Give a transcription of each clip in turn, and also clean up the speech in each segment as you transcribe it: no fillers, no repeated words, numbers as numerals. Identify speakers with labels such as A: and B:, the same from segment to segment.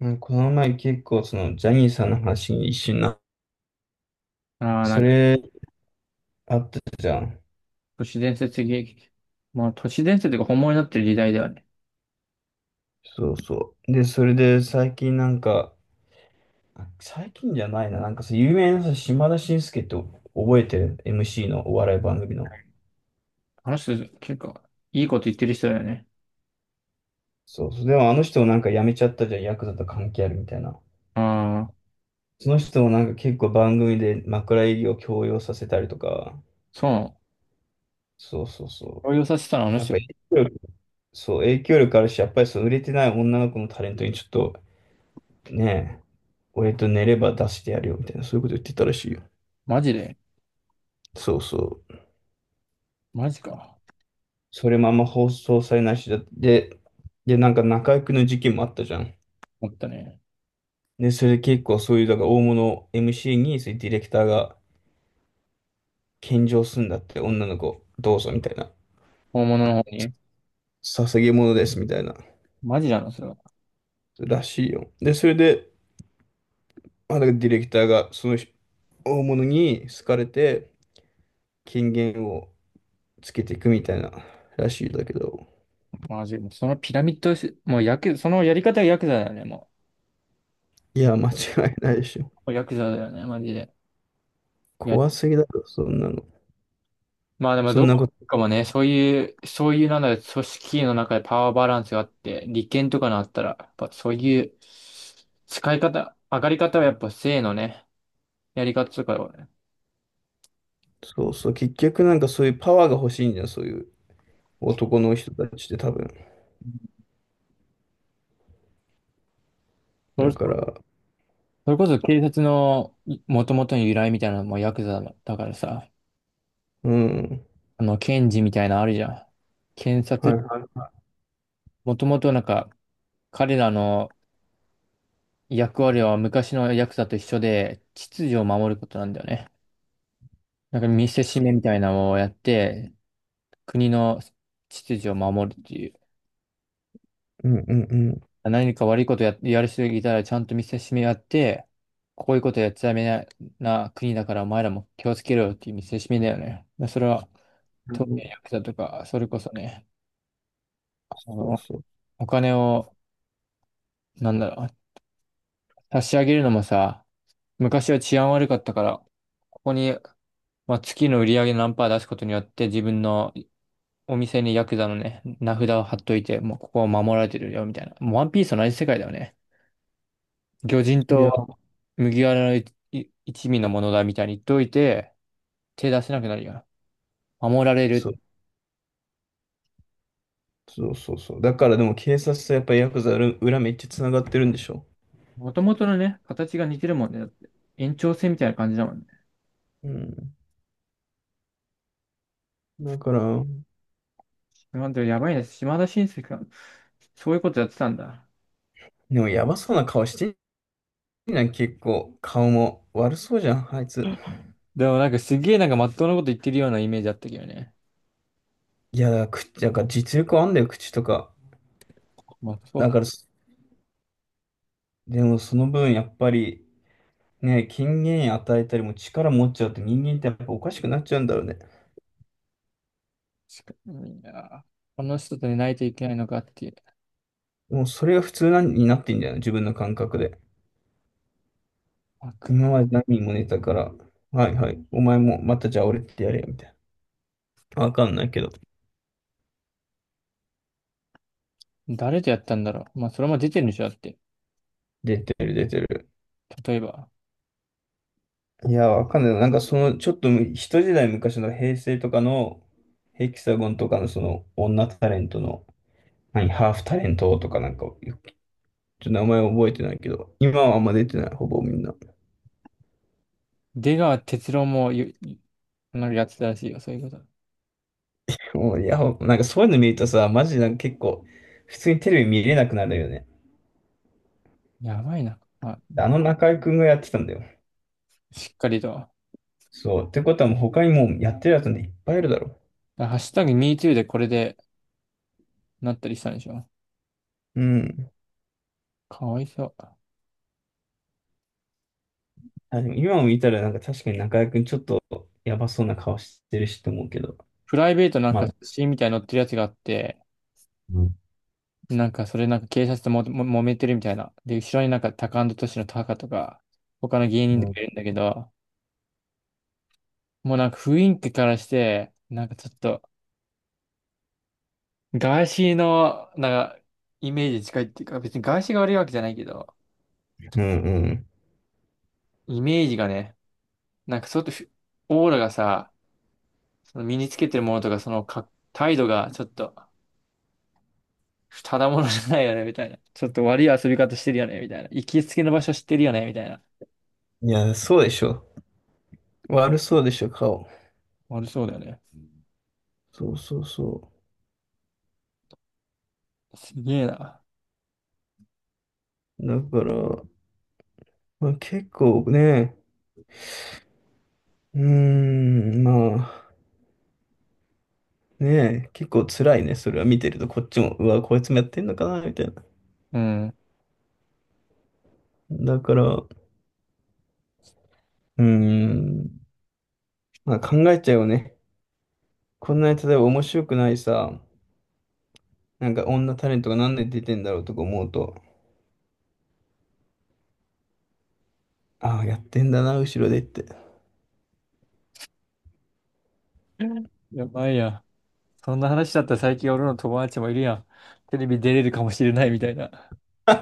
A: うん、この前結構ジャニーさんの話に一瞬な、
B: ああ、
A: それあったじゃん。
B: 都市伝説的、都市伝説が本物になってる時代だよね。
A: そうそう。で、それで最近最近じゃないな、さ、有名なさ、島田紳介って覚えてる？ MC のお笑い番組の。
B: あの人、結構、いいこと言ってる人だよね。
A: そうそう。でもあの人もなんか辞めちゃったじゃん、ヤクザと関係あるみたいな。
B: ああ、
A: その人もなんか結構番組で枕営業を強要させたりとか、
B: そうなの。
A: そうそうそう。
B: 動揺させたの、あの
A: やっ
B: 人、
A: ぱり影響力、そう、影響力あるし、やっぱりそう、売れてない女の子のタレントにちょっと、ねえ、俺と寝れば出してやるよみたいな、そういうこと言ってたらしいよ。
B: マジで、
A: そうそう。
B: マジか。
A: それもあんま放送されないしだって、で、で、中居君の事件もあったじゃん。
B: 思ったね。
A: で、それで結構そういう、だから大物 MC に、そういうディレクターが献上するんだって、女の子、どうぞみたいな。
B: 本物の方に。
A: さ捧げ物ですみたいな。
B: マジなの、それは。
A: らしいよ。で、それで、まあ、だからディレクターがその人大物に好かれて、権限をつけていくみたいならしいんだけど、
B: マジ。そのピラミッドし、もうヤク、そのやり方がヤクザだよね、も
A: い
B: う。
A: や、間違いないでしょ。
B: ヤクザだよね、マジで。
A: 怖すぎだろ、そんなの。
B: まあでも
A: そ
B: ど
A: んなこ
B: こ
A: と、
B: かもね、そういうなんだろう、組織の中でパワーバランスがあって、利権とかのあったら、やっぱそういう使い方、上がり方はやっぱ性のね、やり方とかはね、
A: そうそう、結局そういうパワーが欲しいんじゃん、そういう男の人たちって多分。
B: そ
A: だ
B: れ
A: か
B: そ
A: ら、
B: れこそ警察のもともとの由来みたいなのもヤクザだからさ、
A: うん、
B: 検事みたいなのあるじゃん。検
A: はい
B: 察、
A: はい。
B: もともとなんか、彼らの役割は昔のヤクザと一緒で、秩序を守ることなんだよね。なんか見せし
A: そ
B: めみたいなのをやって、国の秩序を守るっていう。
A: ううんうんうん。
B: 何か悪いことや、やる人がいたらちゃんと見せしめやって、こういうことやっちゃダメな、な国だからお前らも気をつけろよっていう見せしめだよね。でそれは、
A: う
B: 特に
A: ん
B: ヤクザとか、それこそね、あ
A: そう
B: の、
A: そ
B: お金を、なんだろう、差し上げるのもさ、昔は治安悪かったから、ここに、まあ、月の売り上げ何パー出すことによって自分のお店にヤクザのね、名札を貼っといて、もうここは守られてるよみたいな。もうワンピースの同じ世界だよね。魚人
A: う。い
B: と
A: や、
B: は麦わらの一味のものだみたいに言っといて、手出せなくなるよな。守られ
A: そ
B: る。
A: うそうそうそう。だからでも警察とやっぱヤクザ裏裏めっちゃ繋がってるんでしょ。
B: もともとのね、形が似てるもんね。だって延長線みたいな感じだもんね。
A: うん。だから、
B: なんてやばいね。島田紳助が、そういうことやってたんだ。
A: でもやばそうな顔してんじゃん、結構。顔も悪そうじゃん、あいつ。
B: でもなんかすげえなんかまっとうなこと言ってるようなイメージあったけどね。
A: いや、だから口、だから実力あんだよ、口とか。
B: まあそう
A: だ
B: か。
A: から、でもその分やっぱり、ねえ、権限与えたりも力持っちゃうって人間ってやっぱおかしくなっちゃうんだろうね。
B: いやー、この人と寝ないといけないのかっていう。
A: もうそれが普通なんになってんじゃな自分の感覚で。
B: あく
A: 今まで何人も寝たから、はいはい、お前もまたじゃあ俺ってやれよみたいな。わかんないけど。
B: 誰とやったんだろう。まあそれも出てるんでしょだって。
A: 出てる出てる。
B: 例えば。
A: いや、わかんない。その、ちょっと一時代昔の平成とかのヘキサゴンとかのその女タレントの、何、ハーフタレントとかなんか、ちょっと名前覚えてないけど、今はあんま出てない、ほぼみんな。
B: 出川哲朗もよなんかやってたらしいよ。そういうこと。
A: もう、いや、なんかそういうの見るとさ、マジなんか結構、普通にテレビ見れなくなるよね。
B: やばいな。あ、
A: あの中居君がやってたんだよ。
B: しっかりと。だか
A: そう。ってことはもう他にもうやってるやつなんていっぱいいるだろ
B: らハッシュタグ #MeToo でこれでなったりしたんでしょ。
A: う。うん。
B: かわいそう。
A: あ、でも今を見たらなんか確かに中居君ちょっとやばそうな顔してるしと思うけど。
B: プライベートなん
A: まあ、
B: か写真みたいに載ってるやつがあって、
A: うん
B: なんかそれなんか警察とも揉めてるみたいな。で、後ろになんかタカアンドトシのタカとか、他の芸人
A: う
B: と
A: ん
B: かいるんだけど、もうなんか雰囲気からして、なんかちょっと、ガーシーの、なんか、イメージ近いっていうか、別にガーシーが悪いわけじゃないけど、
A: うん
B: イメージがね、なんかちょっとふオーラがさ、その身につけてるものとか、態度がちょっと、ただものじゃないよね、みたいな。ちょっと悪い遊び方してるよね、みたいな。行きつけの場所知ってるよね、みたいな。
A: うん。いや、そうでしょ。悪そうでしょ、顔。
B: 悪そうだよね。
A: そうそうそ
B: すげえな。
A: う。だから、まあ、結構ね、うーん、まあ。ねえ、結構辛いね、それは見てると、こっちも、うわ、こいつもやってんのかな、みたいな。
B: うん。
A: だから、うーん、まあ考えちゃうよね。こんなに例えば面白くないさ、なんか女タレントがなんで出てんだろうとか思うと、ああ、やってんだな、後ろでって。
B: やばいや。そんな話だったら最近俺の友達もいるやん。テレビ出れるかもしれないみたいな。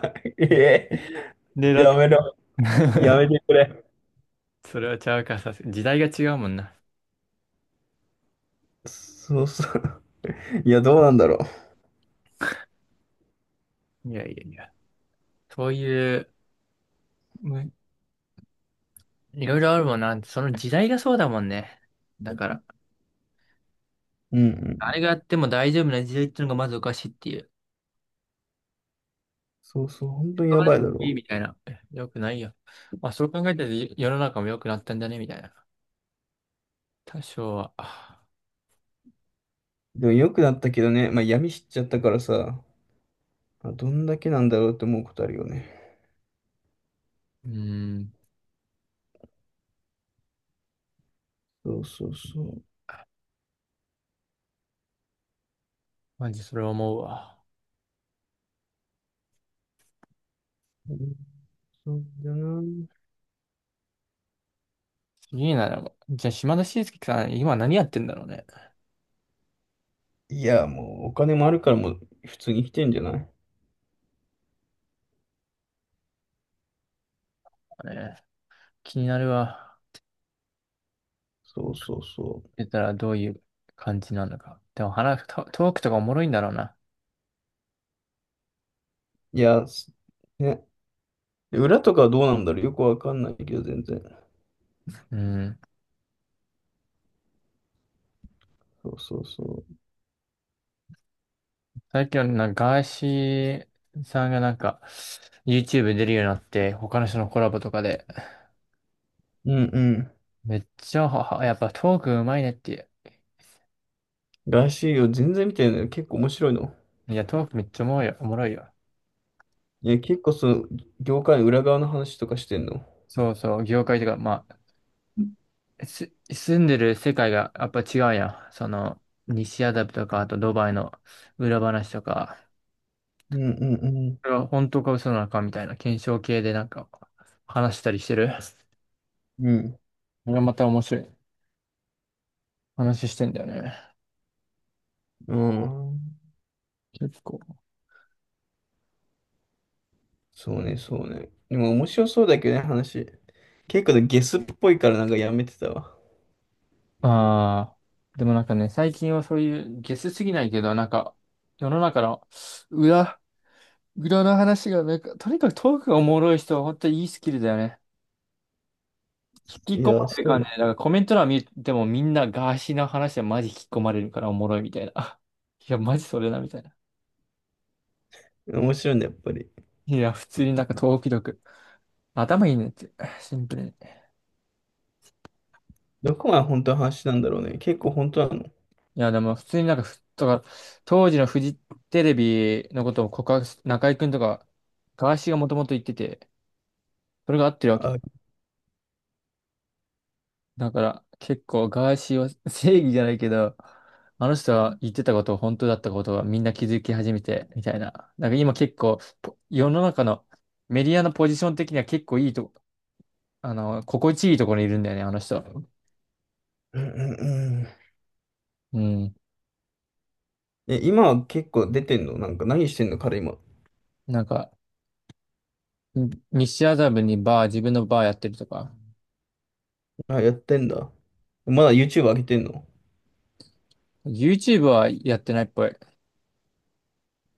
A: ええ、
B: 狙っ
A: やめろ、や めてくれ。
B: それはちゃうか、時代が違うもんな。
A: そうそう。いや、どうなんだろ
B: いやいやいや。そういう、むいろいろあるもんな。その時代がそうだもんね。だから、
A: う。うんう
B: あれ
A: ん。
B: があっても大丈夫な時代っていうのがまずおかしいっていう。
A: そうそう、本当に
B: 使
A: や
B: わなく
A: ばいだ
B: ていい
A: ろ
B: みたいな。えよくないよ。まあそう考えたら世の中も良くなったんだねみたいな。多少は。
A: う。でも良くなったけどね、まあ闇知っちゃったからさ、まあどんだけなんだろうって思うことあるよね。
B: うーん。
A: そうそうそう。
B: マジそれ思うわ。
A: うんそうだな。
B: いいな、でも。じゃあ島田紳介さん、今何やってんだろうね。
A: いや、もうお金もあるからもう普通に来てんじゃない
B: ね、気になるわ。
A: そ
B: やっ
A: うそうそ
B: てたらどういう感じなのか。でも話、トークとかおもろいんだろうな。
A: う。いや、すね。で裏とかはどうなんだろうよくわかんないけど、全然。
B: うん。
A: そうそうそ
B: 最近はなんかガーシーさんがなんか YouTube に出るようになって、他の人のコラボとかで、
A: う。うんうん。
B: めっちゃやっぱトークうまいねっていう。
A: らしいよ。全然見てない結構面白いの。
B: いや、トークめっちゃおもろいよ。おもろいよ。
A: いや、結構その、業界の裏側の話とかしてんの。
B: そうそう、業界とか、まあ、住んでる世界がやっぱ違うやん。その、西アダブとか、あとドバイの裏話とか、
A: うんうん
B: これは本当か嘘なのかみたいな検証系でなんか話したりしてる。
A: うん。
B: これはまた面白い話してんだよね。
A: うん。ああ。
B: 結構。
A: そうね、そうね。でも面白そうだけどね、話。結構ねゲスっぽいからなんかやめてたわ。
B: ああ、でもなんかね、最近はそういうゲスすぎないけど、なんか、世の中の裏、裏の話が、なんか、とにかくトークがおもろい人は本当にいいスキルだよね。引き
A: い
B: 込ま
A: や、
B: れる
A: そう
B: 感
A: で
B: じ
A: す。
B: で、だからコメント欄見てもみんなガーシーの話はマジ引き込まれるからおもろいみたいな。いや、マジそれだみたいな。
A: 面白いんだ、やっぱり。
B: いや、普通になんかトーク力。頭いいねって、シンプルに。
A: どこが本当の話なんだろうね。結構本当なの。
B: いや、でも普通になんかふ、とか、当時のフジテレビのことを告白す、中居くんとか、ガーシーがもともと言ってて、それが合ってるわ。
A: あ、
B: だから結構ガーシーは 正義じゃないけど、あの人は言ってたことを本当だったことがみんな気づき始めてみたいな。なんか今結構世の中のメディアのポジション的には結構いいとこ、あの、心地いいところにいるんだよね、あの人。
A: うんうんうん。
B: うん。
A: え、今は結構出てんのなんか何してんの彼今。
B: なんか、西麻布にバー、自分のバーやってるとか。
A: あ、やってんだ。まだ YouTube 上げてんの
B: YouTube はやってないっぽい。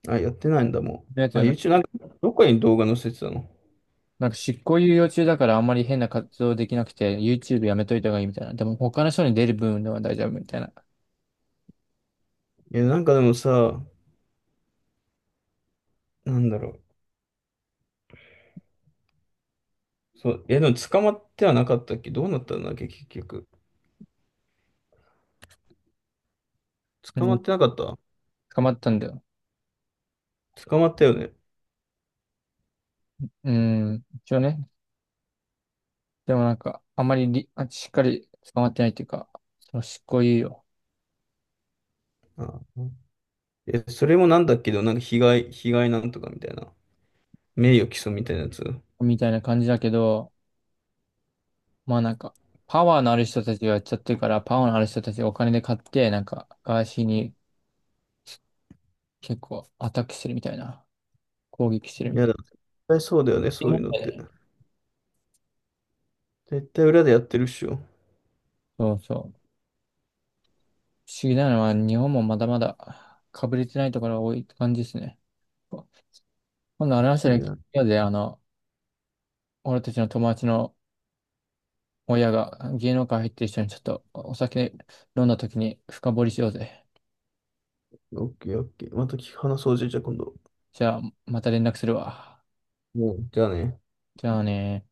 A: あ、やってないんだも
B: だ
A: う。あ、
B: けど
A: YouTube なんかどこに動画載せてたの
B: なんか執行猶予中だからあんまり変な活動できなくて、YouTube やめといた方がいいみたいな。でも他の人に出る分では大丈夫みたいな。
A: え、なんかでもさ、なんだろう。そう、え、でも捕まってはなかったっけどうなったんだっけ結局。
B: う
A: 捕ま
B: ん、
A: ってなかった
B: 捕まったんだよ。
A: 捕まったよね。
B: うん、一応ね。でもなんか、あんまりしっかり捕まってないっていうか、その執行猶予
A: あ、え、それもなんだけど、なんか被害、被害なんとかみたいな。名誉毀損みたいなやつ。
B: みたいな感じだけど、まあなんか、パワーのある人たちがやっちゃってるから、パワーのある人たちがお金で買って、なんか、ガーシーに結構アタックしてるみたいな。攻撃してる
A: い
B: み
A: や
B: たい
A: だ、絶対そうだよね、
B: な。
A: そう
B: 思
A: いう
B: っ
A: の
B: た
A: っ
B: よ
A: て。
B: ね。
A: 絶対裏でやってるっしょ。
B: そうそう。不思議なのは、日本もまだまだ被れてないところが多いって感じですね。今度あれました
A: い
B: の
A: や、
B: 嫌で、あの、俺たちの友達の親が芸能界入ってる人にちょっとお酒飲んだ時に深掘りしようぜ。
A: オッケーオッケー。また聞き話そうじゃじゃあ今度。
B: じゃあ、また連絡するわ。
A: もう、じゃあね。
B: じゃあね。